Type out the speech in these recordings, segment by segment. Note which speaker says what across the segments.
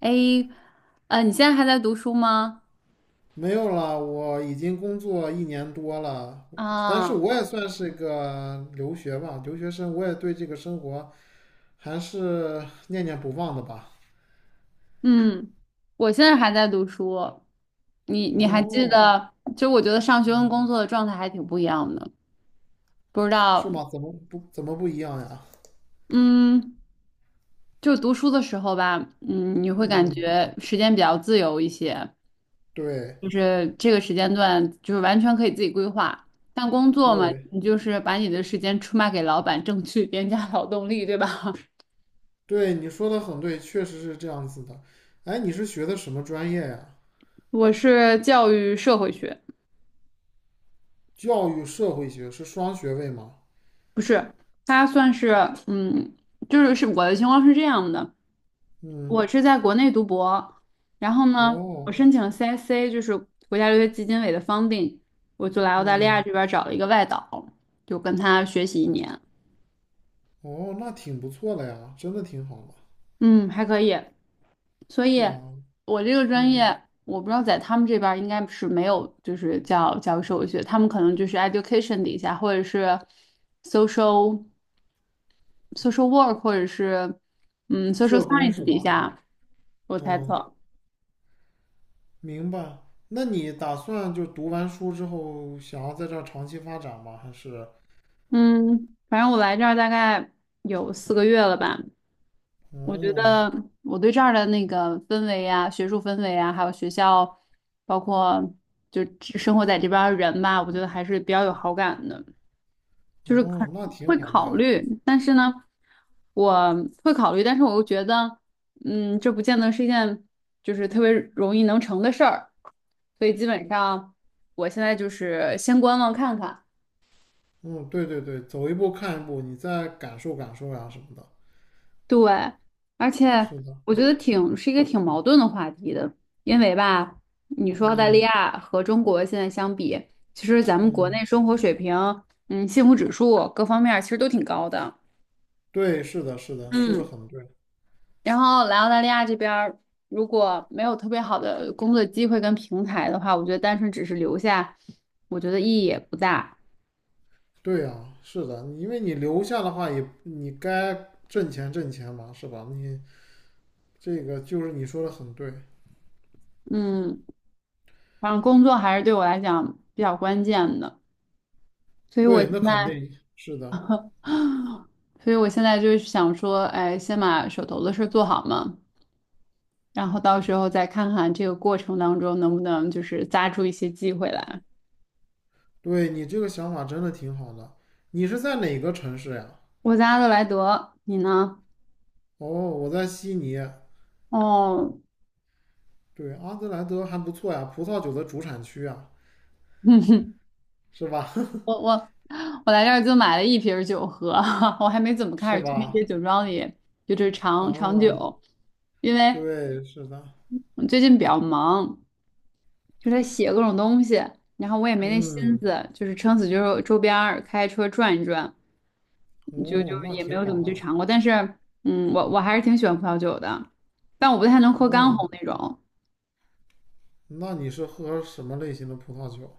Speaker 1: 哎，你现在还在读书吗？
Speaker 2: 没有了，我已经工作1年多了，但是
Speaker 1: 啊。
Speaker 2: 我也算是个留学吧，留学生，我也对这个生活还是念念不忘的吧。
Speaker 1: 嗯，我现在还在读书。你还记
Speaker 2: 哦，
Speaker 1: 得？就我觉得上学跟
Speaker 2: 嗯，
Speaker 1: 工作的状态还挺不一样的。不知
Speaker 2: 是
Speaker 1: 道。
Speaker 2: 吗？怎么不一样呀？
Speaker 1: 嗯，就读书的时候吧，你会感
Speaker 2: 嗯，
Speaker 1: 觉时间比较自由一些，
Speaker 2: 对
Speaker 1: 就是这个时间段就是完全可以自己规划。但工作嘛，
Speaker 2: 对
Speaker 1: 你就是把你的时间出卖给老板，挣取 廉价劳动力，对吧？
Speaker 2: 对，你说的很对，确实是这样子的。哎，你是学的什么专业呀？
Speaker 1: 我是教育社会学。
Speaker 2: 教育社会学是双学位吗？
Speaker 1: 不是，他算是嗯，就是我的情况是这样的，
Speaker 2: 嗯，
Speaker 1: 我是在国内读博，然后呢，
Speaker 2: 哦，
Speaker 1: 我申请了 CSC 就是国家留学基金委的 funding，我就来澳大利
Speaker 2: 嗯，
Speaker 1: 亚这边找了一个外导，就跟他学习一年。
Speaker 2: 哦，那挺不错的呀，真的挺好的。
Speaker 1: 嗯，还可以。所以，
Speaker 2: 对啊，
Speaker 1: 我这个专
Speaker 2: 嗯，
Speaker 1: 业我不知道在他们这边儿应该是没有，就是叫教授学，他们可能就是 education 底下或者是 social。social work 或者是social
Speaker 2: 社工
Speaker 1: science
Speaker 2: 是
Speaker 1: 底
Speaker 2: 吧？
Speaker 1: 下，我猜
Speaker 2: 嗯，
Speaker 1: 测。
Speaker 2: 明白。那你打算就读完书之后，想要在这儿长期发展吗？还是？
Speaker 1: 嗯，反正我来这儿大概有4个月了吧。我觉
Speaker 2: 哦，
Speaker 1: 得我对这儿的那个氛围呀，学术氛围啊，还有学校，包括就只生活在这边儿的人吧，我觉得还是比较有好感的。就是很
Speaker 2: 哦，那挺
Speaker 1: 会
Speaker 2: 好的
Speaker 1: 考
Speaker 2: 呀。
Speaker 1: 虑，但是呢，我会考虑，但是我又觉得，这不见得是一件就是特别容易能成的事儿，所以基本上我现在就是先观望看看。
Speaker 2: 嗯，对对对，走一步看一步，你再感受感受呀什么的。
Speaker 1: 对，而且
Speaker 2: 是的，
Speaker 1: 我觉得挺是一个挺矛盾的话题的，因为吧，你说澳大利
Speaker 2: 嗯
Speaker 1: 亚和中国现在相比，其实咱们国
Speaker 2: 嗯，
Speaker 1: 内生活水平，幸福指数各方面儿其实都挺高的。
Speaker 2: 对，是的，是的，说的
Speaker 1: 嗯，
Speaker 2: 很对。
Speaker 1: 然后来澳大利亚这边儿，如果没有特别好的工作机会跟平台的话，我觉得单纯只是留下，我觉得意义也不大。
Speaker 2: 对呀，是的，因为你留下的话也，你该挣钱挣钱嘛，是吧？你这个就是你说的很对，
Speaker 1: 嗯，反正工作还是对我来讲比较关键的，所以我
Speaker 2: 对，
Speaker 1: 现
Speaker 2: 那肯
Speaker 1: 在，
Speaker 2: 定是的，
Speaker 1: 所以我现在就是想说，哎，先把手头的事儿做好嘛，然后到时候再看看这个过程当中能不能就是扎出一些机会来。
Speaker 2: 对你这个想法真的挺好的。你是在哪个城市呀？
Speaker 1: 我在阿德莱德，你呢？
Speaker 2: 哦，我在悉尼。
Speaker 1: 哦，
Speaker 2: 对，阿德莱德还不错呀，葡萄酒的主产区啊，是吧？
Speaker 1: 我我我来这儿就买了一瓶儿酒喝，我还没怎 么开
Speaker 2: 是
Speaker 1: 始去那些
Speaker 2: 吧？
Speaker 1: 酒庄里，就是尝尝
Speaker 2: 啊，
Speaker 1: 酒，因为
Speaker 2: 对，是的。
Speaker 1: 我最近比较忙，就在写各种东西，然后我也没那心
Speaker 2: 嗯，
Speaker 1: 思，就是撑死就是周边儿开车转一转，就
Speaker 2: 哦，
Speaker 1: 就
Speaker 2: 那
Speaker 1: 也没
Speaker 2: 挺
Speaker 1: 有怎
Speaker 2: 好
Speaker 1: 么去
Speaker 2: 的。
Speaker 1: 尝过。但是，我还是挺喜欢葡萄酒的，但我不太能喝干
Speaker 2: 哦，
Speaker 1: 红那种，
Speaker 2: 那你是喝什么类型的葡萄酒？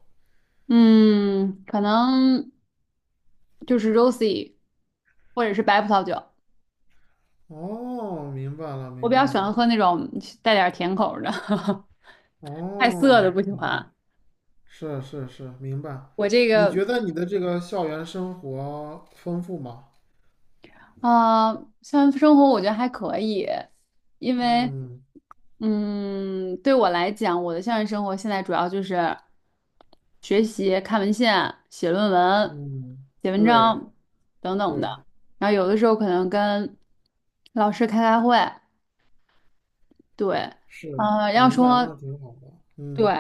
Speaker 1: 嗯，可能就是 rosé 或者是白葡萄酒。
Speaker 2: 哦，明白了，
Speaker 1: 我比
Speaker 2: 明白
Speaker 1: 较喜欢
Speaker 2: 了。
Speaker 1: 喝那种带点儿甜口儿的，太涩
Speaker 2: 哦，
Speaker 1: 的不喜
Speaker 2: 明白，
Speaker 1: 欢。
Speaker 2: 是是是，明白。
Speaker 1: 我这
Speaker 2: 你
Speaker 1: 个
Speaker 2: 觉得你的这个校园生活丰富吗？
Speaker 1: 啊，校园生活我觉得还可以，因为
Speaker 2: 嗯，
Speaker 1: 对我来讲，我的校园生活现在主要就是学习、看文献、写论文、
Speaker 2: 嗯，
Speaker 1: 写文
Speaker 2: 对
Speaker 1: 章等等
Speaker 2: 对，
Speaker 1: 的。然后有的时候可能跟老师开开会，对，
Speaker 2: 是，
Speaker 1: 要
Speaker 2: 明白，
Speaker 1: 说
Speaker 2: 那挺好的。
Speaker 1: 对，
Speaker 2: 嗯，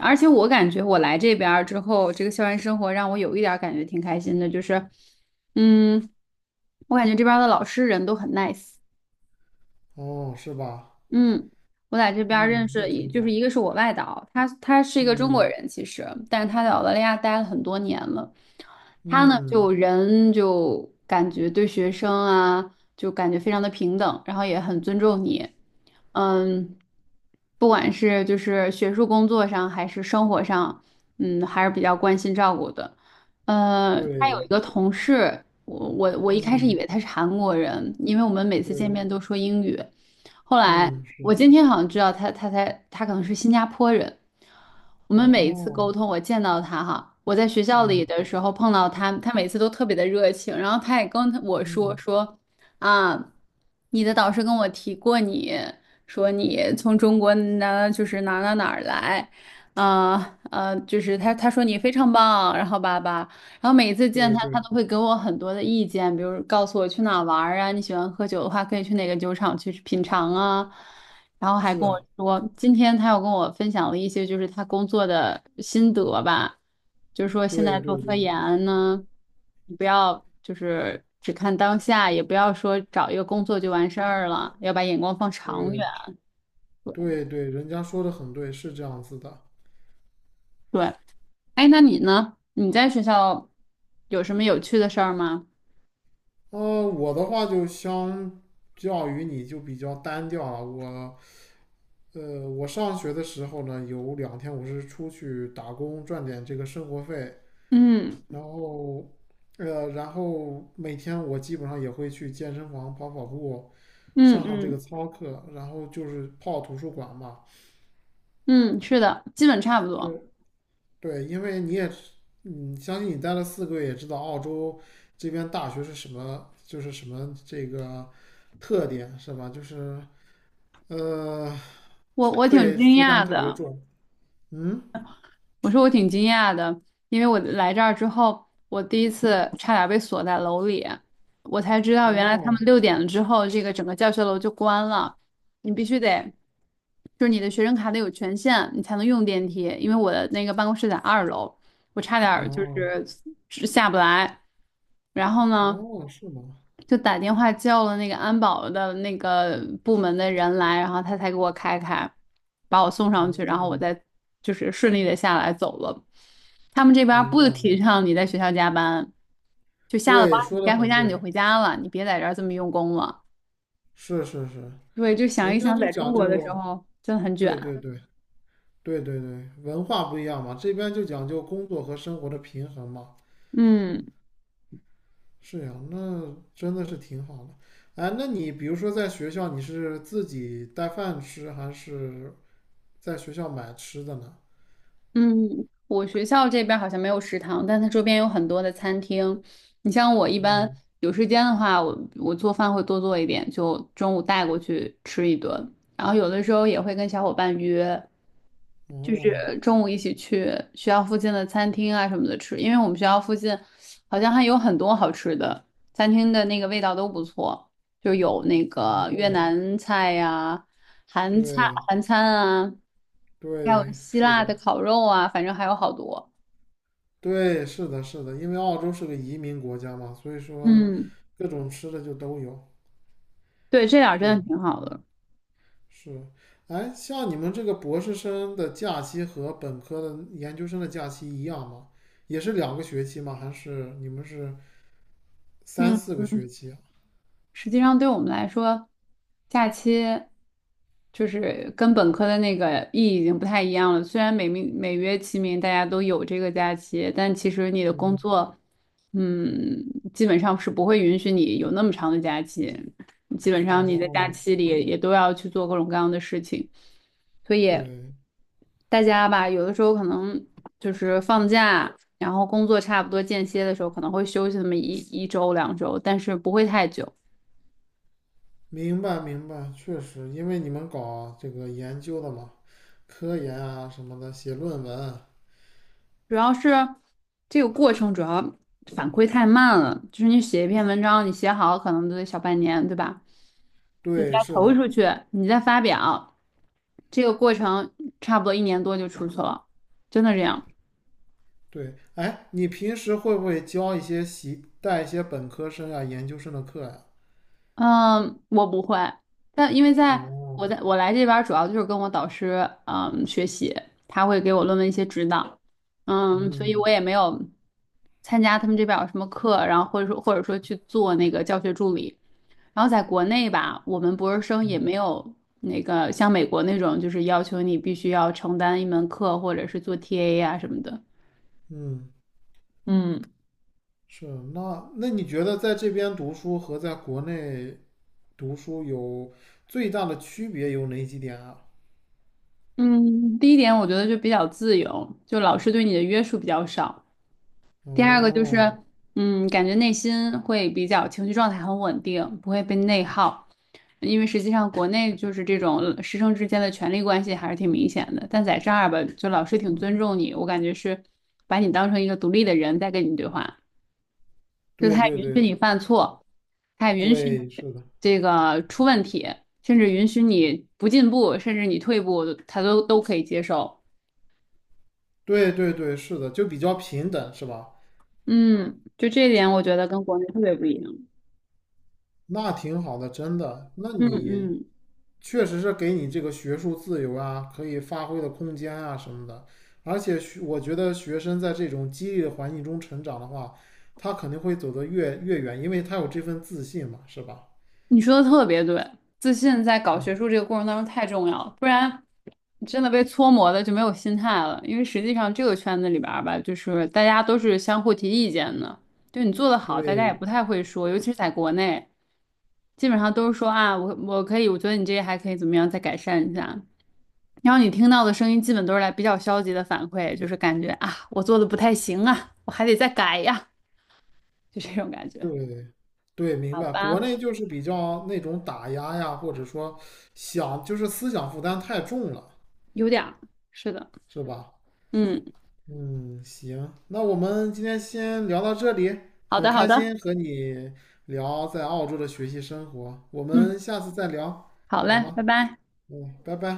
Speaker 1: 而且我感觉我来这边儿之后，这个校园生活让我有一点儿感觉挺开心的，就是，嗯，我感觉这边儿的老师人都很 nice。
Speaker 2: 哦，是吧？
Speaker 1: 嗯，我在这边儿认
Speaker 2: 嗯，
Speaker 1: 识，
Speaker 2: 那挺
Speaker 1: 就是
Speaker 2: 好。
Speaker 1: 一个是我外导，他是一个中国
Speaker 2: 嗯
Speaker 1: 人，其实，但是他在澳大利亚待了很多年了。他呢，
Speaker 2: 嗯，
Speaker 1: 就人就感觉对学生啊，就感觉非常的平等，然后也很尊重你。嗯，不管是就是学术工作上，还是生活上，还是比较关心照顾的。他有一
Speaker 2: 对，
Speaker 1: 个同事，我一开始以
Speaker 2: 嗯
Speaker 1: 为他是韩国人，因为我们每次见
Speaker 2: 对，
Speaker 1: 面都说英语。后来
Speaker 2: 嗯是。
Speaker 1: 我今天好像知道他，他可能是新加坡人。我们每一次沟
Speaker 2: 哦，
Speaker 1: 通，我见到他哈，我在学校里
Speaker 2: 嗯
Speaker 1: 的时候碰到他，他每次都特别的热情，然后他也跟我说
Speaker 2: 嗯，
Speaker 1: 说啊，你的导师跟我提过你，说你从中国哪就是哪哪哪儿来，就是他说你非常棒，然后吧，然后每一次见
Speaker 2: 对
Speaker 1: 他，
Speaker 2: 对，
Speaker 1: 他都会给我很多的意见，比如告诉我去哪玩儿啊，你喜欢喝酒的话，可以去哪个酒厂去品尝啊。然后还
Speaker 2: 是
Speaker 1: 跟我
Speaker 2: 啊
Speaker 1: 说，今天他又跟我分享了一些就是他工作的心得吧，就是说现
Speaker 2: 对
Speaker 1: 在
Speaker 2: 对
Speaker 1: 做科
Speaker 2: 对
Speaker 1: 研呢，你不要就是只看当下，也不要说找一个工作就完事儿了，要把眼光放长远。
Speaker 2: 对对对，人家说的很对，是这样子的。
Speaker 1: 对，哎，那你呢？你在学校有什么有趣的事儿吗？
Speaker 2: 我的话就相较于你就比较单调了，我。我上学的时候呢，有2天我是出去打工赚点这个生活费，
Speaker 1: 嗯
Speaker 2: 然后，然后每天我基本上也会去健身房跑跑步，
Speaker 1: 嗯
Speaker 2: 上上这个
Speaker 1: 嗯。
Speaker 2: 操课，然后就是泡图书馆嘛。
Speaker 1: 嗯，是的，基本差不多。
Speaker 2: 对对，因为你也，嗯，相信你待了4个月，也知道澳洲这边大学是什么，就是什么这个特点是吧？就是呃，
Speaker 1: 我
Speaker 2: 课
Speaker 1: 挺
Speaker 2: 业
Speaker 1: 惊
Speaker 2: 负担
Speaker 1: 讶
Speaker 2: 特别
Speaker 1: 的，
Speaker 2: 重。嗯，
Speaker 1: 我说我挺惊讶的，因为我来这儿之后，我第一次差点被锁在楼里，我才知道原来他
Speaker 2: 哦
Speaker 1: 们6点了之后，这个整个教学楼就关了，你必须得，就是你的学生卡得有权限，你才能用电梯。因为我的那个办公室在2楼，我差点儿就
Speaker 2: 哦。
Speaker 1: 是下不来。然后呢？
Speaker 2: 哦，是吗？
Speaker 1: 就打电话叫了那个安保的那个部门的人来，然后他才给我开开，把我送上去，然后
Speaker 2: 哦，
Speaker 1: 我再就是顺利的下来走了。他们这边儿
Speaker 2: 明白
Speaker 1: 不
Speaker 2: 了。
Speaker 1: 提倡你在学校加班，就下了班
Speaker 2: 对，
Speaker 1: 儿你
Speaker 2: 说的
Speaker 1: 该回
Speaker 2: 很
Speaker 1: 家你就
Speaker 2: 对，
Speaker 1: 回家了，你别在这儿这么用功了。
Speaker 2: 是是是，
Speaker 1: 对，就想
Speaker 2: 人
Speaker 1: 一
Speaker 2: 家
Speaker 1: 想，
Speaker 2: 就
Speaker 1: 在中
Speaker 2: 讲
Speaker 1: 国的时
Speaker 2: 究，
Speaker 1: 候真的很卷。
Speaker 2: 对对对对对对，文化不一样嘛，这边就讲究工作和生活的平衡嘛。
Speaker 1: 嗯。
Speaker 2: 是呀，那真的是挺好的。哎，那你比如说在学校，你是自己带饭吃，还是在学校买吃的呢？
Speaker 1: 嗯，我学校这边儿好像没有食堂，但它周边有很多的餐厅。你像我一般
Speaker 2: 嗯，
Speaker 1: 有时间的话，我做饭会多做一点，就中午带过去吃一顿。然后有的时候也会跟小伙伴约，就
Speaker 2: 哦，
Speaker 1: 是中午一起去学校附近的餐厅啊什么的吃，因为我们学校附近好像还有很多好吃的餐厅的那个味道都不错，就有那个越南菜呀、韩菜、
Speaker 2: 对
Speaker 1: 韩餐啊，还有
Speaker 2: 对，
Speaker 1: 希
Speaker 2: 是
Speaker 1: 腊的
Speaker 2: 的，
Speaker 1: 烤肉啊，反正还有好多。
Speaker 2: 对，是的，是的，因为澳洲是个移民国家嘛，所以说
Speaker 1: 嗯，
Speaker 2: 各种吃的就都有。
Speaker 1: 对，这点儿真的
Speaker 2: 对，
Speaker 1: 挺好的。
Speaker 2: 是。哎，像你们这个博士生的假期和本科的研究生的假期一样吗？也是2个学期吗？还是你们是三
Speaker 1: 嗯
Speaker 2: 四个学
Speaker 1: 嗯。
Speaker 2: 期啊？
Speaker 1: 实际上对我们来说，假期就是跟本科的那个意义已经不太一样了。虽然每名每月、其名，大家都有这个假期，但其实你的工
Speaker 2: 嗯，
Speaker 1: 作，嗯，基本上是不会允许你有那么长的假期。基本上你在假
Speaker 2: 哦，
Speaker 1: 期里也都要去做各种各样的事情，所以
Speaker 2: 对，
Speaker 1: 大家吧，有的时候可能就是放假，然后工作差不多间歇的时候，可能会休息那么一周两周，但是不会太久。
Speaker 2: 明白明白，确实，因为你们搞这个研究的嘛，科研啊什么的，写论文啊，
Speaker 1: 主要是这个过程主要反馈太慢了，就是你写一篇文章，你写好可能都得小半年，对吧？你再
Speaker 2: 对，是
Speaker 1: 投
Speaker 2: 的。
Speaker 1: 出去，你再发表，这个过程差不多1年多就出去了，真的这样。
Speaker 2: 对，哎，你平时会不会教一些习带一些本科生啊、研究生的课呀、
Speaker 1: 嗯，我不会，但因为在
Speaker 2: 哦，
Speaker 1: 我在我来这边儿主要就是跟我导师学习，他会给我论文一些指导，所以
Speaker 2: 嗯
Speaker 1: 我也没有参加他们这边儿有什么课，然后或者说去做那个教学助理。然后在国内吧，我们博士生也
Speaker 2: 嗯
Speaker 1: 没有那个像美国那种，就是要求你必须要承担一门课或者是做 TA 啊什么的。
Speaker 2: 嗯，
Speaker 1: 嗯
Speaker 2: 是。那你觉得在这边读书和在国内读书有最大的区别有哪几点啊？
Speaker 1: 嗯，第一点我觉得就比较自由，就老师对你的约束比较少。第二个就是，
Speaker 2: 哦，
Speaker 1: 感觉内心会比较情绪状态很稳定，不会被内耗。因为实际上国内就是这种师生之间的权力关系还是挺明显的，但在这儿吧，就老师挺尊重你，我感觉是把你当成一个独立的人在跟你对话。就
Speaker 2: 对
Speaker 1: 他也
Speaker 2: 对
Speaker 1: 允
Speaker 2: 对
Speaker 1: 许你犯错，他也允许你
Speaker 2: 对，是的，
Speaker 1: 这个出问题，甚至允许你不进步，甚至你退步，他都可以接受。
Speaker 2: 对对对，是的，就比较平等，是吧？
Speaker 1: 嗯，就这一点，我觉得跟国内特别不一样。
Speaker 2: 那挺好的，真的。那
Speaker 1: 嗯
Speaker 2: 你
Speaker 1: 嗯。
Speaker 2: 确实是给你这个学术自由啊，可以发挥的空间啊什么的。而且我觉得学生在这种激励的环境中成长的话，他肯定会走得越远，因为他有这份自信嘛，是吧？
Speaker 1: 你说的特别对，自信在搞学术这个过程当中太重要了，不然真的被搓磨的就没有心态了。因为实际上这个圈子里边儿吧，就是大家都是相互提意见的，就你做得好，大家也
Speaker 2: 对
Speaker 1: 不太会说，尤其是在国内，基本上都是说啊，我可以，我觉得你这个还可以怎么样，再改善一下。然后你听到的声音基本都是来比较消极的反馈，就是感觉啊，我做的不太行啊，我还得再改呀，就这种感觉。
Speaker 2: 对对，明
Speaker 1: 好
Speaker 2: 白。国
Speaker 1: 吧，
Speaker 2: 内就是比较那种打压呀，或者说想就是思想负担太重了，
Speaker 1: 有点儿，是的，
Speaker 2: 是吧？
Speaker 1: 嗯，
Speaker 2: 嗯，行，那我们今天先聊到这里，
Speaker 1: 好
Speaker 2: 很
Speaker 1: 的，好
Speaker 2: 开
Speaker 1: 的。
Speaker 2: 心和你聊在澳洲的学习生活，我
Speaker 1: 嗯，
Speaker 2: 们下次再聊，
Speaker 1: 好
Speaker 2: 好
Speaker 1: 嘞，拜
Speaker 2: 吗？
Speaker 1: 拜。
Speaker 2: 嗯，拜拜。